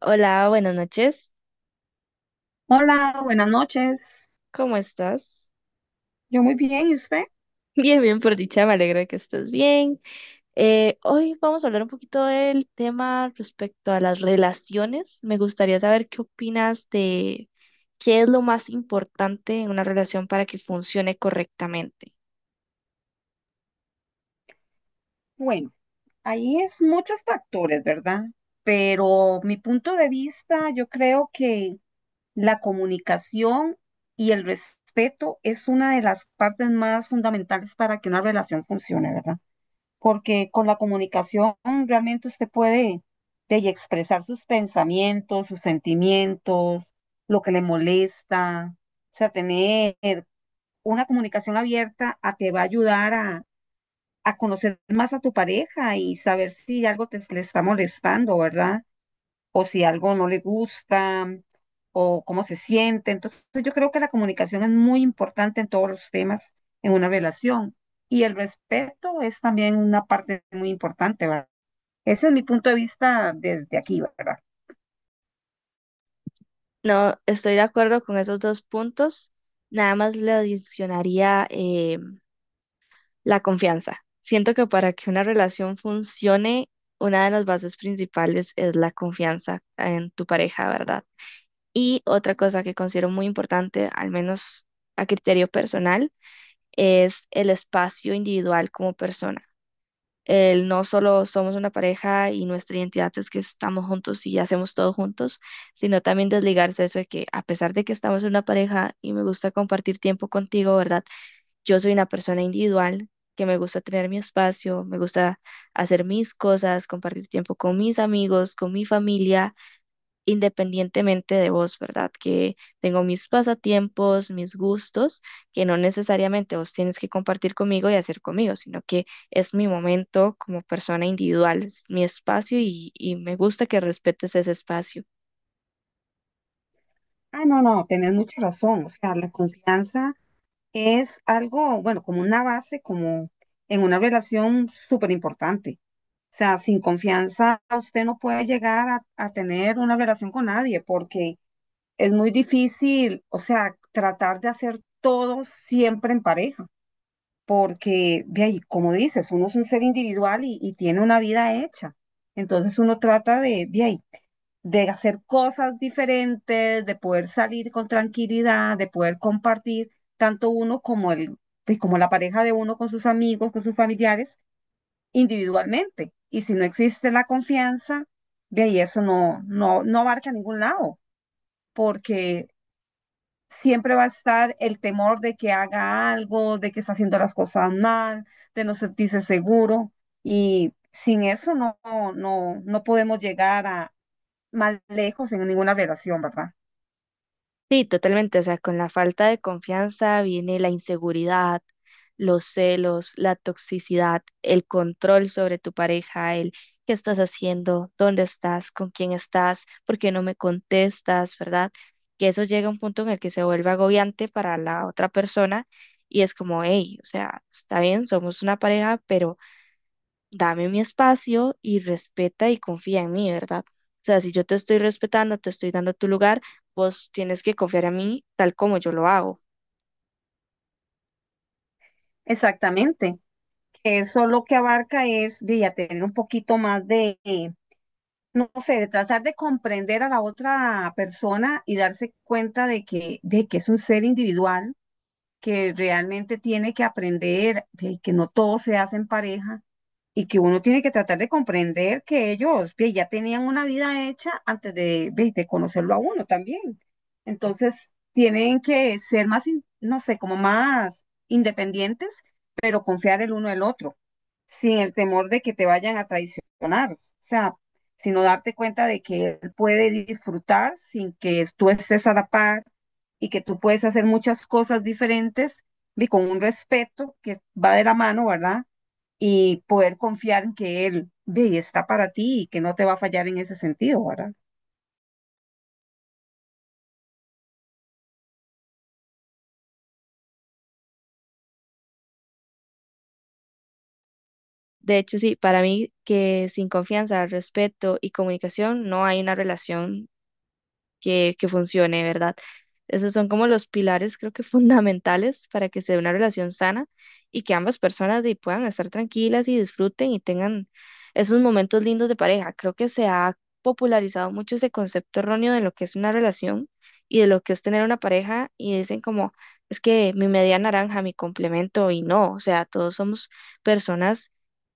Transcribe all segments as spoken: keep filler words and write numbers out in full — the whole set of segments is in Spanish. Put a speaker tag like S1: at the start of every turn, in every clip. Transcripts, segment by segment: S1: Hola, buenas noches.
S2: Hola, buenas noches.
S1: ¿Cómo estás?
S2: Yo muy bien, ¿y usted?
S1: Bien, bien, por dicha, me alegra que estés bien. Eh, hoy vamos a hablar un poquito del tema respecto a las relaciones. Me gustaría saber qué opinas de qué es lo más importante en una relación para que funcione correctamente.
S2: Bueno, ahí es muchos factores, ¿verdad? Pero mi punto de vista, yo creo que la comunicación y el respeto es una de las partes más fundamentales para que una relación funcione, ¿verdad? Porque con la comunicación realmente usted puede de, y expresar sus pensamientos, sus sentimientos, lo que le molesta, o sea, tener una comunicación abierta a, te va a ayudar a, a, conocer más a tu pareja y saber si algo te, le está molestando, ¿verdad? O si algo no le gusta o cómo se siente. Entonces yo creo que la comunicación es muy importante en todos los temas en una relación y el respeto es también una parte muy importante, ¿verdad? Ese es mi punto de vista desde aquí, ¿verdad?
S1: No, estoy de acuerdo con esos dos puntos. Nada más le adicionaría eh, la confianza. Siento que para que una relación funcione, una de las bases principales es la confianza en tu pareja, ¿verdad? Y otra cosa que considero muy importante, al menos a criterio personal, es el espacio individual como persona. El no solo somos una pareja y nuestra identidad es que estamos juntos y hacemos todo juntos, sino también desligarse de eso de que a pesar de que estamos en una pareja y me gusta compartir tiempo contigo, ¿verdad? Yo soy una persona individual que me gusta tener mi espacio, me gusta hacer mis cosas, compartir tiempo con mis amigos, con mi familia, independientemente de vos, ¿verdad? Que tengo mis pasatiempos, mis gustos, que no necesariamente vos tienes que compartir conmigo y hacer conmigo, sino que es mi momento como persona individual, es mi espacio y, y me gusta que respetes ese espacio.
S2: Ah, no, no, tenés mucha razón. O sea, la confianza es algo, bueno, como una base, como en una relación súper importante. O sea, sin confianza usted no puede llegar a, a tener una relación con nadie porque es muy difícil, o sea, tratar de hacer todo siempre en pareja porque, ve ahí, como dices, uno es un ser individual y, y tiene una vida hecha. Entonces uno trata de, ve ahí, de hacer cosas diferentes, de poder salir con tranquilidad, de poder compartir tanto uno como el, pues, como la pareja de uno con sus amigos, con sus familiares, individualmente. Y si no existe la confianza, ve ahí eso no, no, no abarca a ningún lado, porque siempre va a estar el temor de que haga algo, de que está haciendo las cosas mal, de no sentirse seguro. Y sin eso no, no, no podemos llegar a más lejos en ninguna relación, ¿verdad?
S1: Sí, totalmente. O sea, con la falta de confianza viene la inseguridad, los celos, la toxicidad, el control sobre tu pareja, el qué estás haciendo, dónde estás, con quién estás, por qué no me contestas, ¿verdad? Que eso llega a un punto en el que se vuelve agobiante para la otra persona y es como, hey, o sea, está bien, somos una pareja, pero dame mi espacio y respeta y confía en mí, ¿verdad? O sea, si yo te estoy respetando, te estoy dando tu lugar, vos tienes que confiar en mí tal como yo lo hago.
S2: Exactamente. Eso lo que abarca es de ya tener un poquito más de, eh, no sé, de tratar de comprender a la otra persona y darse cuenta de que, de que es un ser individual, que realmente tiene que aprender, de que no todo se hace en pareja y que uno tiene que tratar de comprender que ellos ve, ya tenían una vida hecha antes de, ve, de conocerlo a uno también. Entonces, tienen que ser más, in- no sé, como más independientes, pero confiar el uno el otro, sin el temor de que te vayan a traicionar. O sea, sino darte cuenta de que él puede disfrutar sin que tú estés a la par y que tú puedes hacer muchas cosas diferentes y con un respeto que va de la mano, ¿verdad? Y poder confiar en que él ve, está para ti y que no te va a fallar en ese sentido, ¿verdad?
S1: De hecho, sí, para mí que sin confianza, respeto y comunicación no hay una relación que, que funcione, ¿verdad? Esos son como los pilares, creo que fundamentales para que se dé una relación sana y que ambas personas de ahí puedan estar tranquilas y disfruten y tengan esos momentos lindos de pareja. Creo que se ha popularizado mucho ese concepto erróneo de lo que es una relación y de lo que es tener una pareja y dicen como, es que mi media naranja, mi complemento y no, o sea, todos somos personas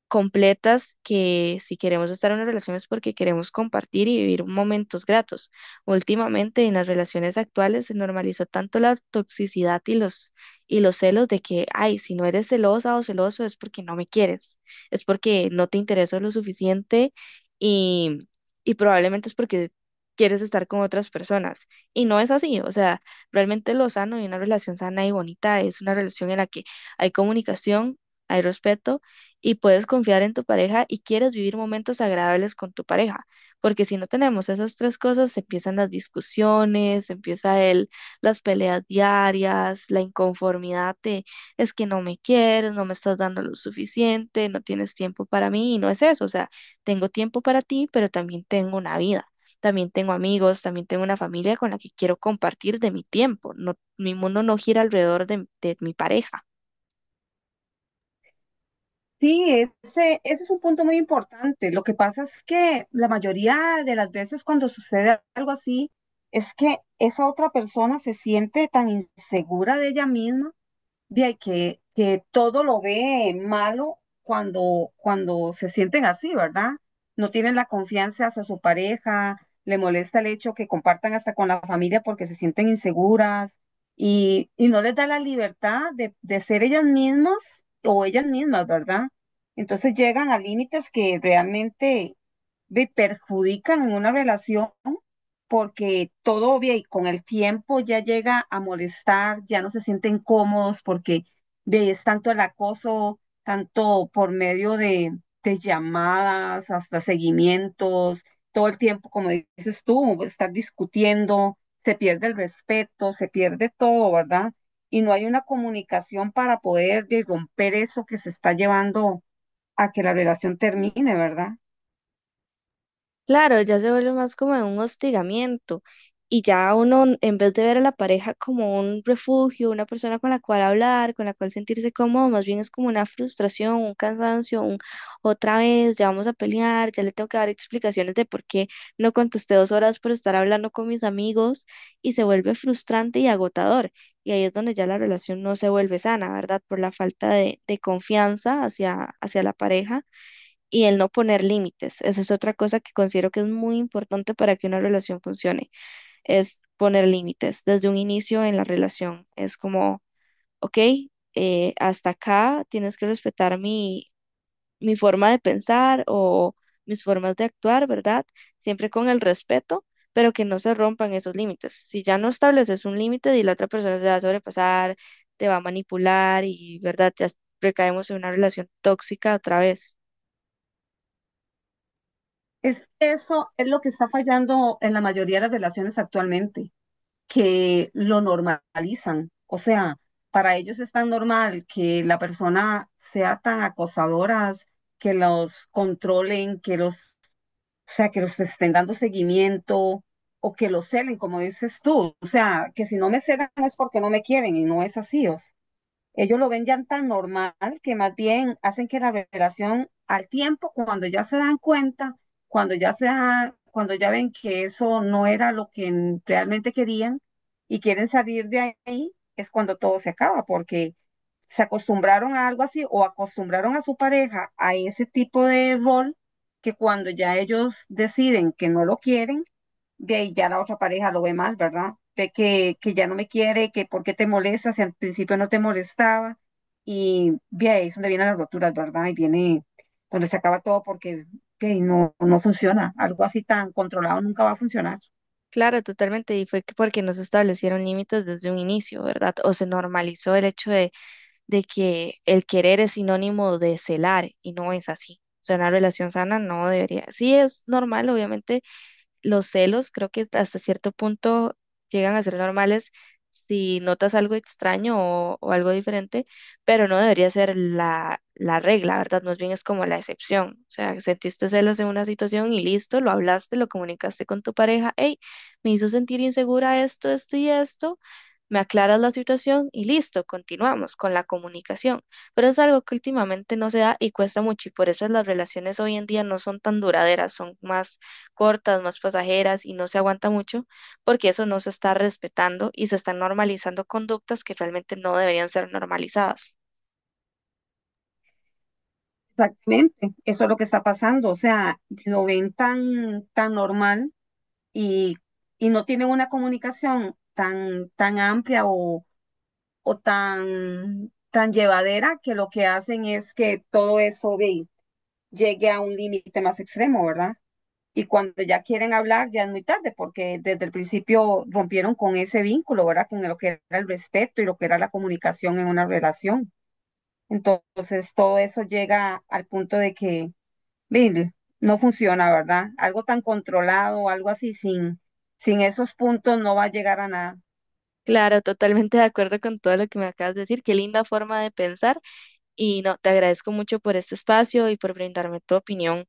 S1: completas que si queremos estar en una relación es porque queremos compartir y vivir momentos gratos. Últimamente en las relaciones actuales se normalizó tanto la toxicidad y los y los celos de que, ay, si no eres celosa o celoso es porque no me quieres, es porque no te intereso lo suficiente y y probablemente es porque quieres estar con otras personas. Y no es así, o sea, realmente lo sano y una relación sana y bonita es una relación en la que hay comunicación, hay respeto y puedes confiar en tu pareja y quieres vivir momentos agradables con tu pareja, porque si no tenemos esas tres cosas, empiezan las discusiones, empieza el, las peleas diarias, la inconformidad de es que no me quieres, no me estás dando lo suficiente, no tienes tiempo para mí, y no es eso, o sea, tengo tiempo para ti, pero también tengo una vida. También tengo amigos, también tengo una familia con la que quiero compartir de mi tiempo. No, mi mundo no gira alrededor de de mi pareja.
S2: Sí, ese, ese es un punto muy importante. Lo que pasa es que la mayoría de las veces cuando sucede algo así, es que esa otra persona se siente tan insegura de ella misma. Bien, que, que todo lo ve malo cuando, cuando se sienten así, ¿verdad? No tienen la confianza hacia su pareja, le molesta el hecho que compartan hasta con la familia porque se sienten inseguras y, y no les da la libertad de, de ser ellas mismas o ellas mismas, ¿verdad? Entonces llegan a límites que realmente ve, perjudican en una relación porque todo obvia y con el tiempo ya llega a molestar, ya no se sienten cómodos porque de, es tanto el acoso, tanto por medio de, de llamadas, hasta seguimientos, todo el tiempo, como dices tú, estar discutiendo, se pierde el respeto, se pierde todo, ¿verdad? Y no hay una comunicación para poder de, romper eso que se está llevando a que la relación termine, ¿verdad?
S1: Claro, ya se vuelve más como un hostigamiento y ya uno, en vez de ver a la pareja como un refugio, una persona con la cual hablar, con la cual sentirse cómodo, más bien es como una frustración, un cansancio, un otra vez, ya vamos a pelear, ya le tengo que dar explicaciones de por qué no contesté dos horas por estar hablando con mis amigos y se vuelve frustrante y agotador. Y ahí es donde ya la relación no se vuelve sana, ¿verdad? Por la falta de, de confianza hacia, hacia la pareja y el no poner límites. Esa es otra cosa que considero que es muy importante para que una relación funcione, es poner límites desde un inicio en la relación. Es como, ok, eh, hasta acá tienes que respetar mi, mi forma de pensar o mis formas de actuar, ¿verdad? Siempre con el respeto, pero que no se rompan esos límites. Si ya no estableces un límite y la otra persona se va a sobrepasar, te va a manipular y, ¿verdad? Ya recaemos en una relación tóxica otra vez.
S2: Es que eso es lo que está fallando en la mayoría de las relaciones actualmente, que lo normalizan. O sea, para ellos es tan normal que la persona sea tan acosadoras, que los controlen, que los, o sea, que los estén dando seguimiento o que los celen, como dices tú. O sea, que si no me celan es porque no me quieren y no es así. O ellos lo ven ya tan normal que más bien hacen que la revelación al tiempo, cuando ya se dan cuenta, cuando ya se da- cuando ya ven que eso no era lo que en- realmente querían y quieren salir de ahí, es cuando todo se acaba, porque se acostumbraron a algo así o acostumbraron a su pareja a ese tipo de rol que cuando ya ellos deciden que no lo quieren, ve ahí ya la otra pareja lo ve mal, ¿verdad? Ve que, que ya no me quiere, que por qué te molesta, si al principio no te molestaba, y ve ahí es donde vienen las roturas, ¿verdad? Y viene donde se acaba todo porque ve ahí no, no funciona, algo así tan controlado nunca va a funcionar.
S1: Claro, totalmente, y fue que porque no se establecieron límites desde un inicio, ¿verdad? O se normalizó el hecho de, de que el querer es sinónimo de celar, y no es así. O sea, una relación sana no debería. Sí es normal, obviamente, los celos creo que hasta cierto punto llegan a ser normales si notas algo extraño o, o algo diferente, pero no debería ser la, la regla, ¿verdad? Más bien es como la excepción. O sea, sentiste celos en una situación y listo, lo hablaste, lo comunicaste con tu pareja, hey, me hizo sentir insegura esto, esto y esto, me aclaras la situación y listo, continuamos con la comunicación. Pero es algo que últimamente no se da y cuesta mucho y por eso las relaciones hoy en día no son tan duraderas, son más cortas, más pasajeras y no se aguanta mucho, porque eso no se está respetando y se están normalizando conductas que realmente no deberían ser normalizadas.
S2: Exactamente, eso es lo que está pasando, o sea, lo ven tan, tan normal y, y no tienen una comunicación tan, tan amplia o, o tan, tan llevadera que lo que hacen es que todo eso ve llegue a un límite más extremo, ¿verdad? Y cuando ya quieren hablar, ya es muy tarde, porque desde el principio rompieron con ese vínculo, ¿verdad? Con lo que era el respeto y lo que era la comunicación en una relación. Entonces, todo eso llega al punto de que mire, no funciona, ¿verdad? Algo tan controlado, algo así, sin, sin esos puntos no va a llegar a nada.
S1: Claro, totalmente de acuerdo con todo lo que me acabas de decir. Qué linda forma de pensar y no, te agradezco mucho por este espacio y por brindarme tu opinión.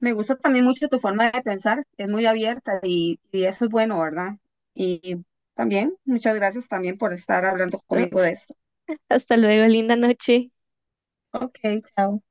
S2: Me gusta también mucho tu forma de pensar, es muy abierta y, y eso es bueno, ¿verdad? Y también, muchas gracias también por estar hablando conmigo de eso.
S1: Hasta luego, linda noche.
S2: Ok, chao.